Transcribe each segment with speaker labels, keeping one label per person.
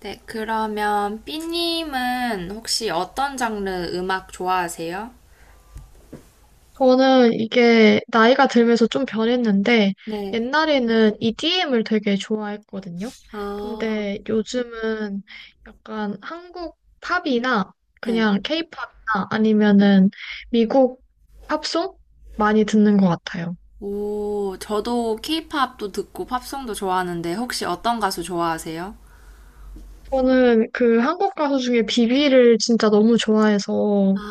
Speaker 1: 네, 그러면 삐님은 혹시 어떤 장르 음악 좋아하세요?
Speaker 2: 저는 이게 나이가 들면서 좀 변했는데,
Speaker 1: 네.
Speaker 2: 옛날에는 EDM을 되게 좋아했거든요.
Speaker 1: 아,
Speaker 2: 근데 요즘은 약간 한국 팝이나
Speaker 1: 네.
Speaker 2: 그냥 K-팝이나 아니면은 미국 팝송 많이 듣는 것 같아요.
Speaker 1: 오, 저도 케이팝도 듣고 팝송도 좋아하는데 혹시 어떤 가수 좋아하세요?
Speaker 2: 저는 그 한국 가수 중에 비비를 진짜 너무 좋아해서
Speaker 1: 아,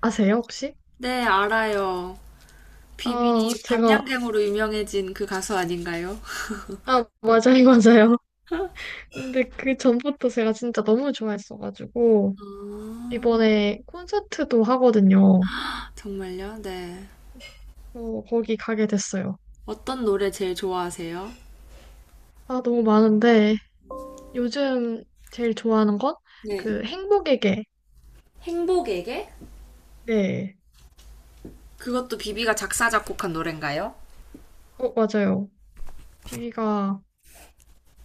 Speaker 2: 아세요, 혹시?
Speaker 1: 네, 알아요.
Speaker 2: 아,
Speaker 1: 비비
Speaker 2: 제가,
Speaker 1: 밤양갱으로 유명해진 그 가수 아닌가요?
Speaker 2: 아, 맞아요, 맞아요. 근데 그 전부터 제가 진짜 너무 좋아했어가지고,
Speaker 1: 아,
Speaker 2: 이번에 콘서트도 하거든요.
Speaker 1: 정말요? 네.
Speaker 2: 어, 거기 가게 됐어요.
Speaker 1: 어떤 노래 제일 좋아하세요?
Speaker 2: 아, 너무 많은데, 요즘 제일 좋아하는 건
Speaker 1: 네.
Speaker 2: 그 행복의 게.
Speaker 1: 행복에게?
Speaker 2: 네.
Speaker 1: 그것도 비비가 작사 작곡한 노래인가요?
Speaker 2: 어, 맞아요. 비비가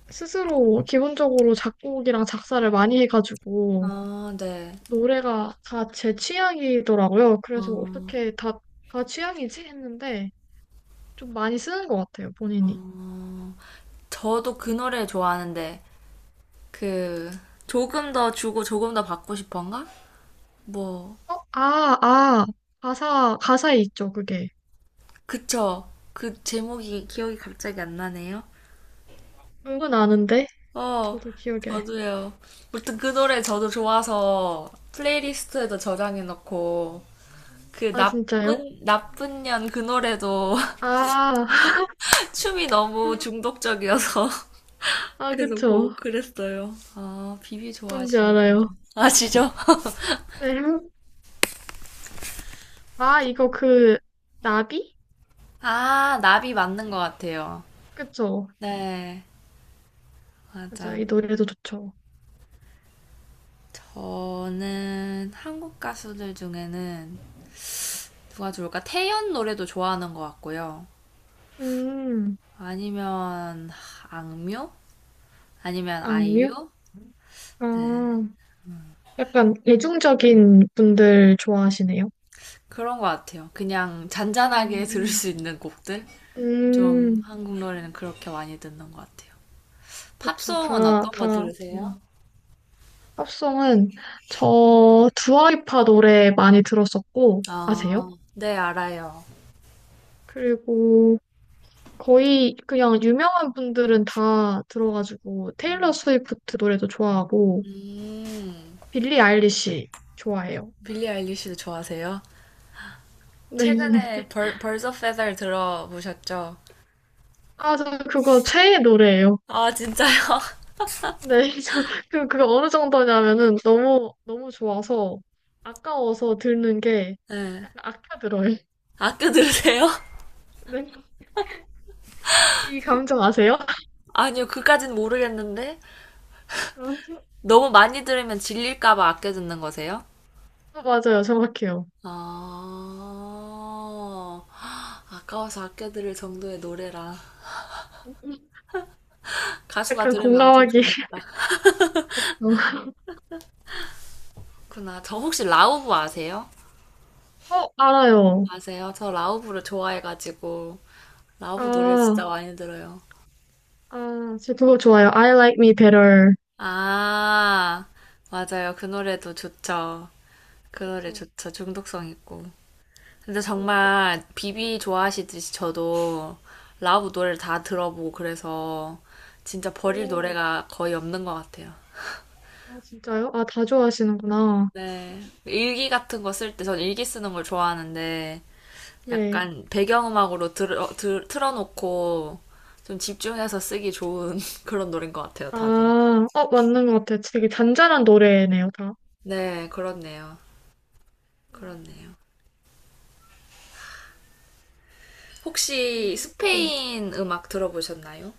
Speaker 2: 스스로 기본적으로 작곡이랑 작사를 많이 해가지고,
Speaker 1: 아, 네.
Speaker 2: 노래가 다 제 취향이더라고요.
Speaker 1: 어,
Speaker 2: 그래서 어떻게 다, 다 취향이지? 했는데, 좀 많이 쓰는 것 같아요, 본인이.
Speaker 1: 어, 저도 그 노래 좋아하는데, 그, 조금 더 주고 조금 더 받고 싶은가? 뭐,
Speaker 2: 어, 아, 아. 가사, 가사에 있죠, 그게.
Speaker 1: 그쵸. 그 제목이 기억이 갑자기 안 나네요.
Speaker 2: 은근 아는데?
Speaker 1: 어,
Speaker 2: 저도 기억에.
Speaker 1: 저도요. 무튼 그 노래 저도 좋아서 플레이리스트에도 저장해놓고, 그
Speaker 2: 아, 진짜요?
Speaker 1: 나쁜 년 그 노래도
Speaker 2: 아,
Speaker 1: 춤이 너무 중독적이어서
Speaker 2: 아,
Speaker 1: 계속
Speaker 2: 그쵸.
Speaker 1: 보고 그랬어요. 아, 비비
Speaker 2: 뭔지
Speaker 1: 좋아하시는군요.
Speaker 2: 알아요.
Speaker 1: 아시죠?
Speaker 2: 네. 아, 이거 그, 나비?
Speaker 1: 아, 나비 맞는 것 같아요.
Speaker 2: 그쵸.
Speaker 1: 네,
Speaker 2: 맞아요.
Speaker 1: 맞아.
Speaker 2: 이 노래도 좋죠.
Speaker 1: 저는 한국 가수들 중에는 누가 좋을까? 태연 노래도 좋아하는 것 같고요.
Speaker 2: 음,
Speaker 1: 아니면 악뮤? 아니면
Speaker 2: 악뮤?
Speaker 1: 아이유? 네,
Speaker 2: 아, 약간 대중적인 분들 좋아하시네요.
Speaker 1: 그런 것 같아요. 그냥 잔잔하게 들을
Speaker 2: 음,
Speaker 1: 수 있는 곡들? 좀
Speaker 2: 음,
Speaker 1: 한국 노래는 그렇게 많이 듣는 것 같아요.
Speaker 2: 그쵸.
Speaker 1: 팝송은
Speaker 2: 다,
Speaker 1: 어떤 거
Speaker 2: 다,
Speaker 1: 들으세요?
Speaker 2: 팝송은 저 두아리파 노래 많이 들었었고,
Speaker 1: 아,
Speaker 2: 아세요?
Speaker 1: 네, 알아요.
Speaker 2: 그리고 거의 그냥 유명한 분들은 다 들어가지고 테일러 스위프트 노래도 좋아하고
Speaker 1: 음,
Speaker 2: 빌리 아일리시 좋아해요.
Speaker 1: 빌리 아일리시도 좋아하세요?
Speaker 2: 네.
Speaker 1: 최근에 벌써 페달 들어보셨죠?
Speaker 2: 아, 저 그거 최애 노래예요.
Speaker 1: 아, 진짜요?
Speaker 2: 네. 저 그, 그거 어느 정도냐면은 너무 너무 좋아서 아까워서 듣는 게
Speaker 1: 네.
Speaker 2: 약간 아껴들어요.
Speaker 1: 아껴 들으세요?
Speaker 2: 네. 이 감정 아세요?
Speaker 1: 아니요, 그까진 모르겠는데. 너무 많이 들으면 질릴까봐 아껴 듣는 거세요?
Speaker 2: 어, 맞아요. 정확해요.
Speaker 1: 아, 아까워서 아껴 들을 정도의 노래라. 가수가
Speaker 2: 약간
Speaker 1: 들으면 엄청
Speaker 2: 공감하기.
Speaker 1: 좋겠다. 그나, 저 혹시 라우브 아세요?
Speaker 2: 어, 알아요.
Speaker 1: 아세요? 저 라우브를 좋아해가지고, 라우브 노래
Speaker 2: 아,
Speaker 1: 진짜 많이 들어요.
Speaker 2: 아, 저 그거 좋아요. I like me better.
Speaker 1: 아, 맞아요. 그 노래도 좋죠. 그 노래
Speaker 2: 그쵸.
Speaker 1: 좋죠. 중독성 있고. 근데
Speaker 2: 그거
Speaker 1: 정말 비비 좋아하시듯이 저도 라우브 노래를 다 들어보고 그래서 진짜 버릴
Speaker 2: 좋고.
Speaker 1: 노래가 거의 없는 것 같아요.
Speaker 2: 아, 진짜요? 아, 다 좋아하시는구나.
Speaker 1: 네. 일기 같은 거 쓸 때 전 일기 쓰는 걸 좋아하는데
Speaker 2: 네.
Speaker 1: 약간 배경음악으로 틀어놓고 좀 집중해서 쓰기 좋은 그런 노래인 것 같아요,
Speaker 2: 아,
Speaker 1: 다들.
Speaker 2: 어, 맞는 것 같아요. 되게 잔잔한 노래네요, 다.
Speaker 1: 네, 그렇네요.
Speaker 2: 음,
Speaker 1: 그렇네요. 혹시
Speaker 2: 감성적인.
Speaker 1: 스페인 음악 들어보셨나요?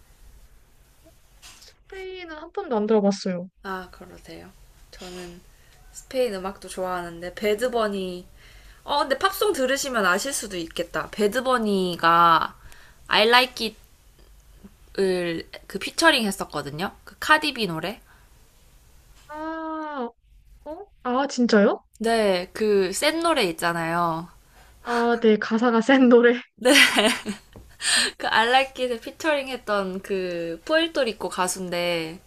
Speaker 2: 스페인은 한 번도 안 들어봤어요.
Speaker 1: 아, 그러세요. 저는 스페인 음악도 좋아하는데 배드버니 어, 근데 팝송 들으시면 아실 수도 있겠다. 배드버니가 I Like It을 그 피처링 했었거든요. 그 카디비 노래.
Speaker 2: 아, 어? 아, 진짜요?
Speaker 1: 네, 그 센 노래 있잖아요.
Speaker 2: 아, 네, 가사가 센 노래.
Speaker 1: 네, 그 I Like It을 피처링 했던 그 푸에르토리코 가수인데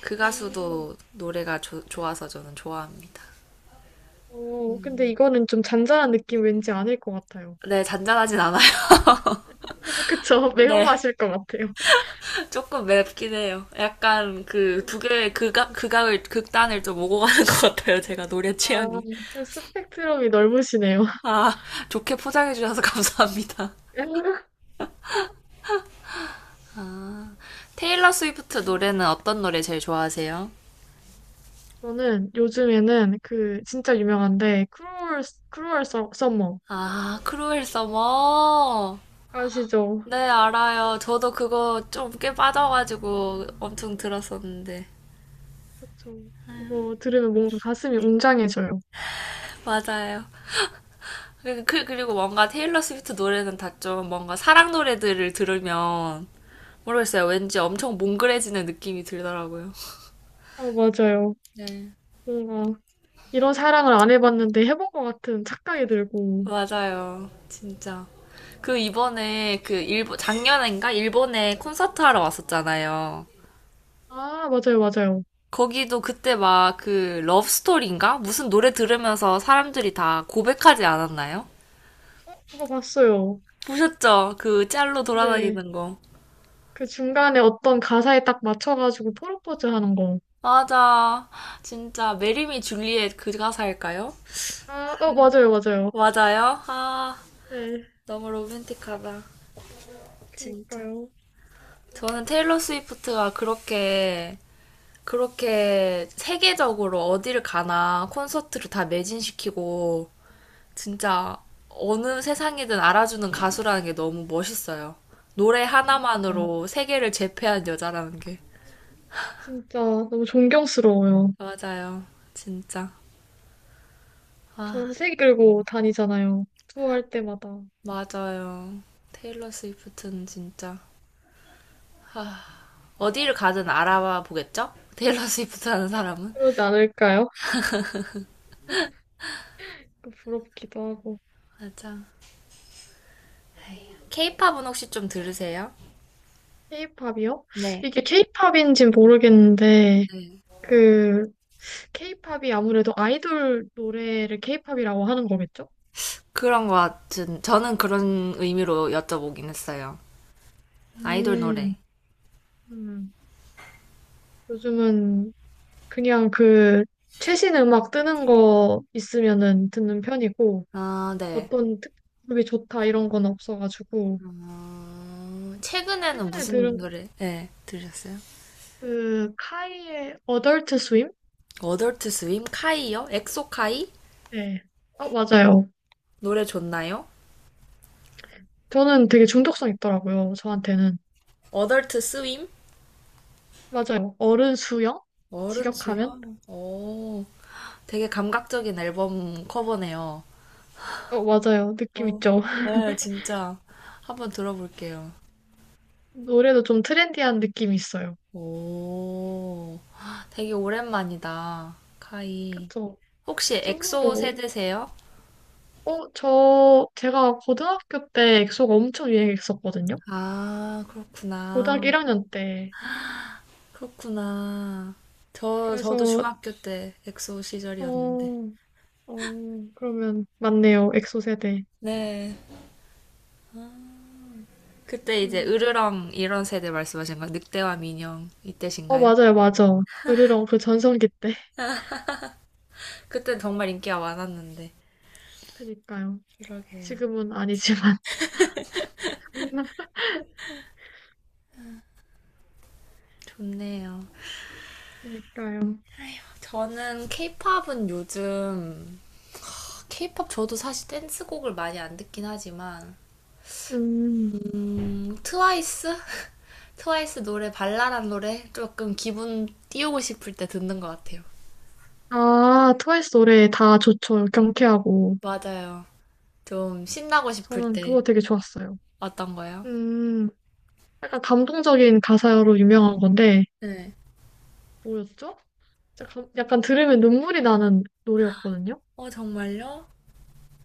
Speaker 1: 그
Speaker 2: 음,
Speaker 1: 가수도 노래가 좋아서 저는 좋아합니다.
Speaker 2: 어, 근데 이거는 좀 잔잔한 느낌 왠지 아닐 것 같아요.
Speaker 1: 네, 잔잔하진 않아요.
Speaker 2: 그쵸?
Speaker 1: 네.
Speaker 2: 매운맛일 것 같아요.
Speaker 1: 조금 맵긴 해요. 약간 그 두 개의 극단을 좀 오고 가는 것 같아요. 제가 노래 취향이.
Speaker 2: 아, 스펙트럼이 넓으시네요.
Speaker 1: 아, 좋게 포장해 주셔서 감사합니다. 아, 테일러 스위프트 노래는
Speaker 2: 음.
Speaker 1: 어떤 노래 제일 좋아하세요?
Speaker 2: 저는 요즘에는 그 진짜 유명한데 크루얼 서, 머
Speaker 1: 아, 크루엘 서머.
Speaker 2: 아시죠?
Speaker 1: 네, 알아요. 저도 그거 좀 꽤 빠져가지고 엄청 들었었는데.
Speaker 2: 그쵸. 그거 들으면 뭔가 가슴이 웅장해져요.
Speaker 1: 맞아요. 그리고 뭔가 테일러 스위프트 노래는 다 좀 뭔가 사랑 노래들을 들으면 모르겠어요. 왠지 엄청 몽글해지는 느낌이 들더라고요.
Speaker 2: 아, 맞아요.
Speaker 1: 네.
Speaker 2: 뭔가 이런 사랑을 안 해봤는데 해본 것 같은 착각이 들고.
Speaker 1: 맞아요. 진짜. 그 이번에 그 일본, 작년인가? 일본에 콘서트 하러 왔었잖아요.
Speaker 2: 아, 맞아요, 맞아요.
Speaker 1: 거기도 그때 막 그 러브스토리인가? 무슨 노래 들으면서 사람들이 다 고백하지 않았나요?
Speaker 2: 어, 그거 봤어요.
Speaker 1: 보셨죠? 그 짤로
Speaker 2: 네.
Speaker 1: 돌아다니는 거.
Speaker 2: 그 중간에 어떤 가사에 딱 맞춰가지고 프로포즈 하는 거.
Speaker 1: 맞아. 진짜 메리미 줄리엣 그 가사일까요?
Speaker 2: 아, 어, 맞아요, 맞아요.
Speaker 1: 맞아요. 아,
Speaker 2: 네.
Speaker 1: 너무 로맨틱하다. 진짜.
Speaker 2: 그니까요.
Speaker 1: 저는 테일러 스위프트가 그렇게 세계적으로 어디를 가나 콘서트를 다 매진시키고 진짜 어느 세상이든 알아주는 가수라는 게 너무 멋있어요. 노래 하나만으로 세계를 제패한 여자라는 게.
Speaker 2: 진짜 너무 존경스러워요.
Speaker 1: 맞아요. 진짜. 아,
Speaker 2: 전세 끌고 다니잖아요. 투어할 때마다.
Speaker 1: 맞아요. 테일러 스위프트는 진짜. 아, 어디를 가든 알아봐 보겠죠? 테일러 스위프트 하는 사람은.
Speaker 2: 그러지 않을까요? 부럽기도 하고.
Speaker 1: 맞아. 케이팝은 혹시 좀 들으세요?
Speaker 2: 케이팝이요?
Speaker 1: 네.
Speaker 2: 이게 케이팝인지는 모르겠는데, 그, 케이팝이 아무래도 아이돌 노래를 케이팝이라고 하는 거겠죠?
Speaker 1: 그런 것 같은, 저는 그런 의미로 여쭤보긴 했어요. 아이돌
Speaker 2: 음,
Speaker 1: 노래.
Speaker 2: 음. 요즘은 그냥 그, 최신 음악 뜨는 거 있으면은 듣는 편이고,
Speaker 1: 아, 네.
Speaker 2: 어떤 특급이 좋다 이런 건 없어가지고,
Speaker 1: 어, 최근에는
Speaker 2: 최근에
Speaker 1: 무슨
Speaker 2: 들은
Speaker 1: 노래, 네, 들으셨어요?
Speaker 2: 그, 카이의 어덜트 스윕?
Speaker 1: 어덜트 스윔 카이요? 엑소 카이?
Speaker 2: 네. 아, 맞아요.
Speaker 1: 노래 좋나요?
Speaker 2: 저는 되게 중독성 있더라고요. 저한테는.
Speaker 1: 어덜트 스윔
Speaker 2: 맞아요. 어른 수영?
Speaker 1: 어른
Speaker 2: 직역하면?
Speaker 1: 수영? 오, 되게 감각적인 앨범 커버네요.
Speaker 2: 어, 맞아요. 느낌
Speaker 1: 어,
Speaker 2: 있죠?
Speaker 1: 네, 진짜. 한번 들어볼게요.
Speaker 2: 노래도 좀 트렌디한 느낌이 있어요.
Speaker 1: 오, 되게 오랜만이다. 카이.
Speaker 2: 그쵸?
Speaker 1: 혹시 엑소
Speaker 2: 솔로로.
Speaker 1: 세대세요?
Speaker 2: 어, 저, 제가 고등학교 때 엑소가 엄청 유행했었거든요.
Speaker 1: 아,
Speaker 2: 고등학교
Speaker 1: 그렇구나.
Speaker 2: 1학년 때.
Speaker 1: 그렇구나. 저도
Speaker 2: 그래서,
Speaker 1: 중학교 때 엑소 시절이었는데.
Speaker 2: 어, 어, 그러면, 맞네요. 엑소 세대.
Speaker 1: 네. 그때 이제
Speaker 2: 음.
Speaker 1: 으르렁 이런 세대 말씀하신 거, 늑대와 민영
Speaker 2: 어,
Speaker 1: 이때신가요?
Speaker 2: 맞아요. 맞아. 으르렁 그 전성기 때.
Speaker 1: 그때 정말 인기가 많았는데.
Speaker 2: 그니까요.
Speaker 1: 그러게요.
Speaker 2: 지금은 아니지만.
Speaker 1: 좋네요.
Speaker 2: 그니까요.
Speaker 1: 저는 케이팝은 요즘, 케이팝 저도 사실 댄스곡을 많이 안 듣긴 하지만,
Speaker 2: 음.
Speaker 1: 트와이스? 트와이스 노래, 발랄한 노래? 조금 기분 띄우고 싶을 때 듣는 것 같아요.
Speaker 2: 아, 트와이스 노래 다 좋죠. 경쾌하고.
Speaker 1: 맞아요. 좀 신나고 싶을
Speaker 2: 저는
Speaker 1: 때.
Speaker 2: 그거 되게 좋았어요.
Speaker 1: 어떤 거요?
Speaker 2: 음. 약간 감동적인 가사로 유명한 건데,
Speaker 1: 네.
Speaker 2: 뭐였죠? 약간 들으면 눈물이 나는 노래였거든요.
Speaker 1: 어, 정말요?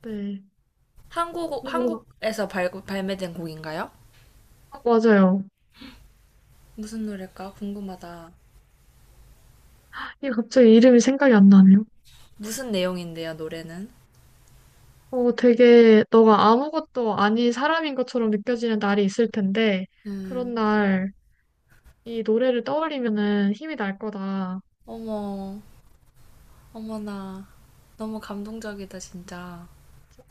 Speaker 2: 네. 근데 뭔가,
Speaker 1: 한국에서 발매된 곡인가요?
Speaker 2: 아, 맞아요.
Speaker 1: 무슨 노래일까? 궁금하다.
Speaker 2: 이게 갑자기 이름이 생각이 안 나네요.
Speaker 1: 무슨 내용인데요, 노래는?
Speaker 2: 어, 되게 너가 아무것도 아닌 사람인 것처럼 느껴지는 날이 있을 텐데,
Speaker 1: 음,
Speaker 2: 그런 날 이 노래를 떠올리면은 힘이 날 거다.
Speaker 1: 어머, 어머나. 너무 감동적이다, 진짜.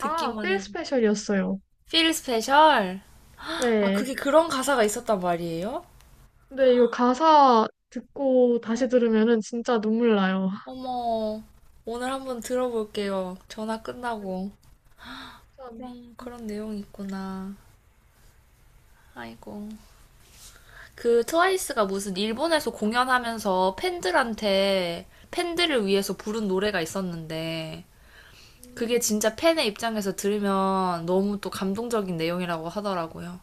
Speaker 2: 아, 필
Speaker 1: 해도.
Speaker 2: 스페셜이었어요.
Speaker 1: Feel Special? 아, 그게
Speaker 2: 네.
Speaker 1: 그런 가사가 있었단 말이에요?
Speaker 2: 근데 이거 가사 듣고 다시
Speaker 1: 어.
Speaker 2: 들으면은 진짜 눈물 나요.
Speaker 1: 어머, 오늘 한번 들어볼게요. 전화
Speaker 2: 네,
Speaker 1: 끝나고.
Speaker 2: 참,
Speaker 1: 그런,
Speaker 2: 음,
Speaker 1: 그런 내용이 있구나. 아이고. 그 트와이스가 무슨 일본에서 공연하면서 팬들한테 팬들을 위해서 부른 노래가 있었는데
Speaker 2: 음,
Speaker 1: 그게
Speaker 2: 음.
Speaker 1: 진짜 팬의 입장에서 들으면 너무 또 감동적인 내용이라고 하더라고요.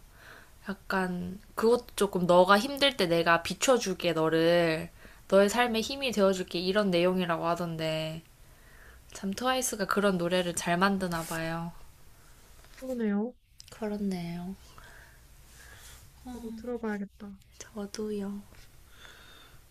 Speaker 1: 약간 그것도 조금 너가 힘들 때 내가 비춰줄게 너를 너의 삶에 힘이 되어줄게 이런 내용이라고 하던데 참 트와이스가 그런 노래를 잘 만드나 봐요.
Speaker 2: 그러네요.
Speaker 1: 그렇네요.
Speaker 2: 저도 들어봐야겠다.
Speaker 1: 저도요.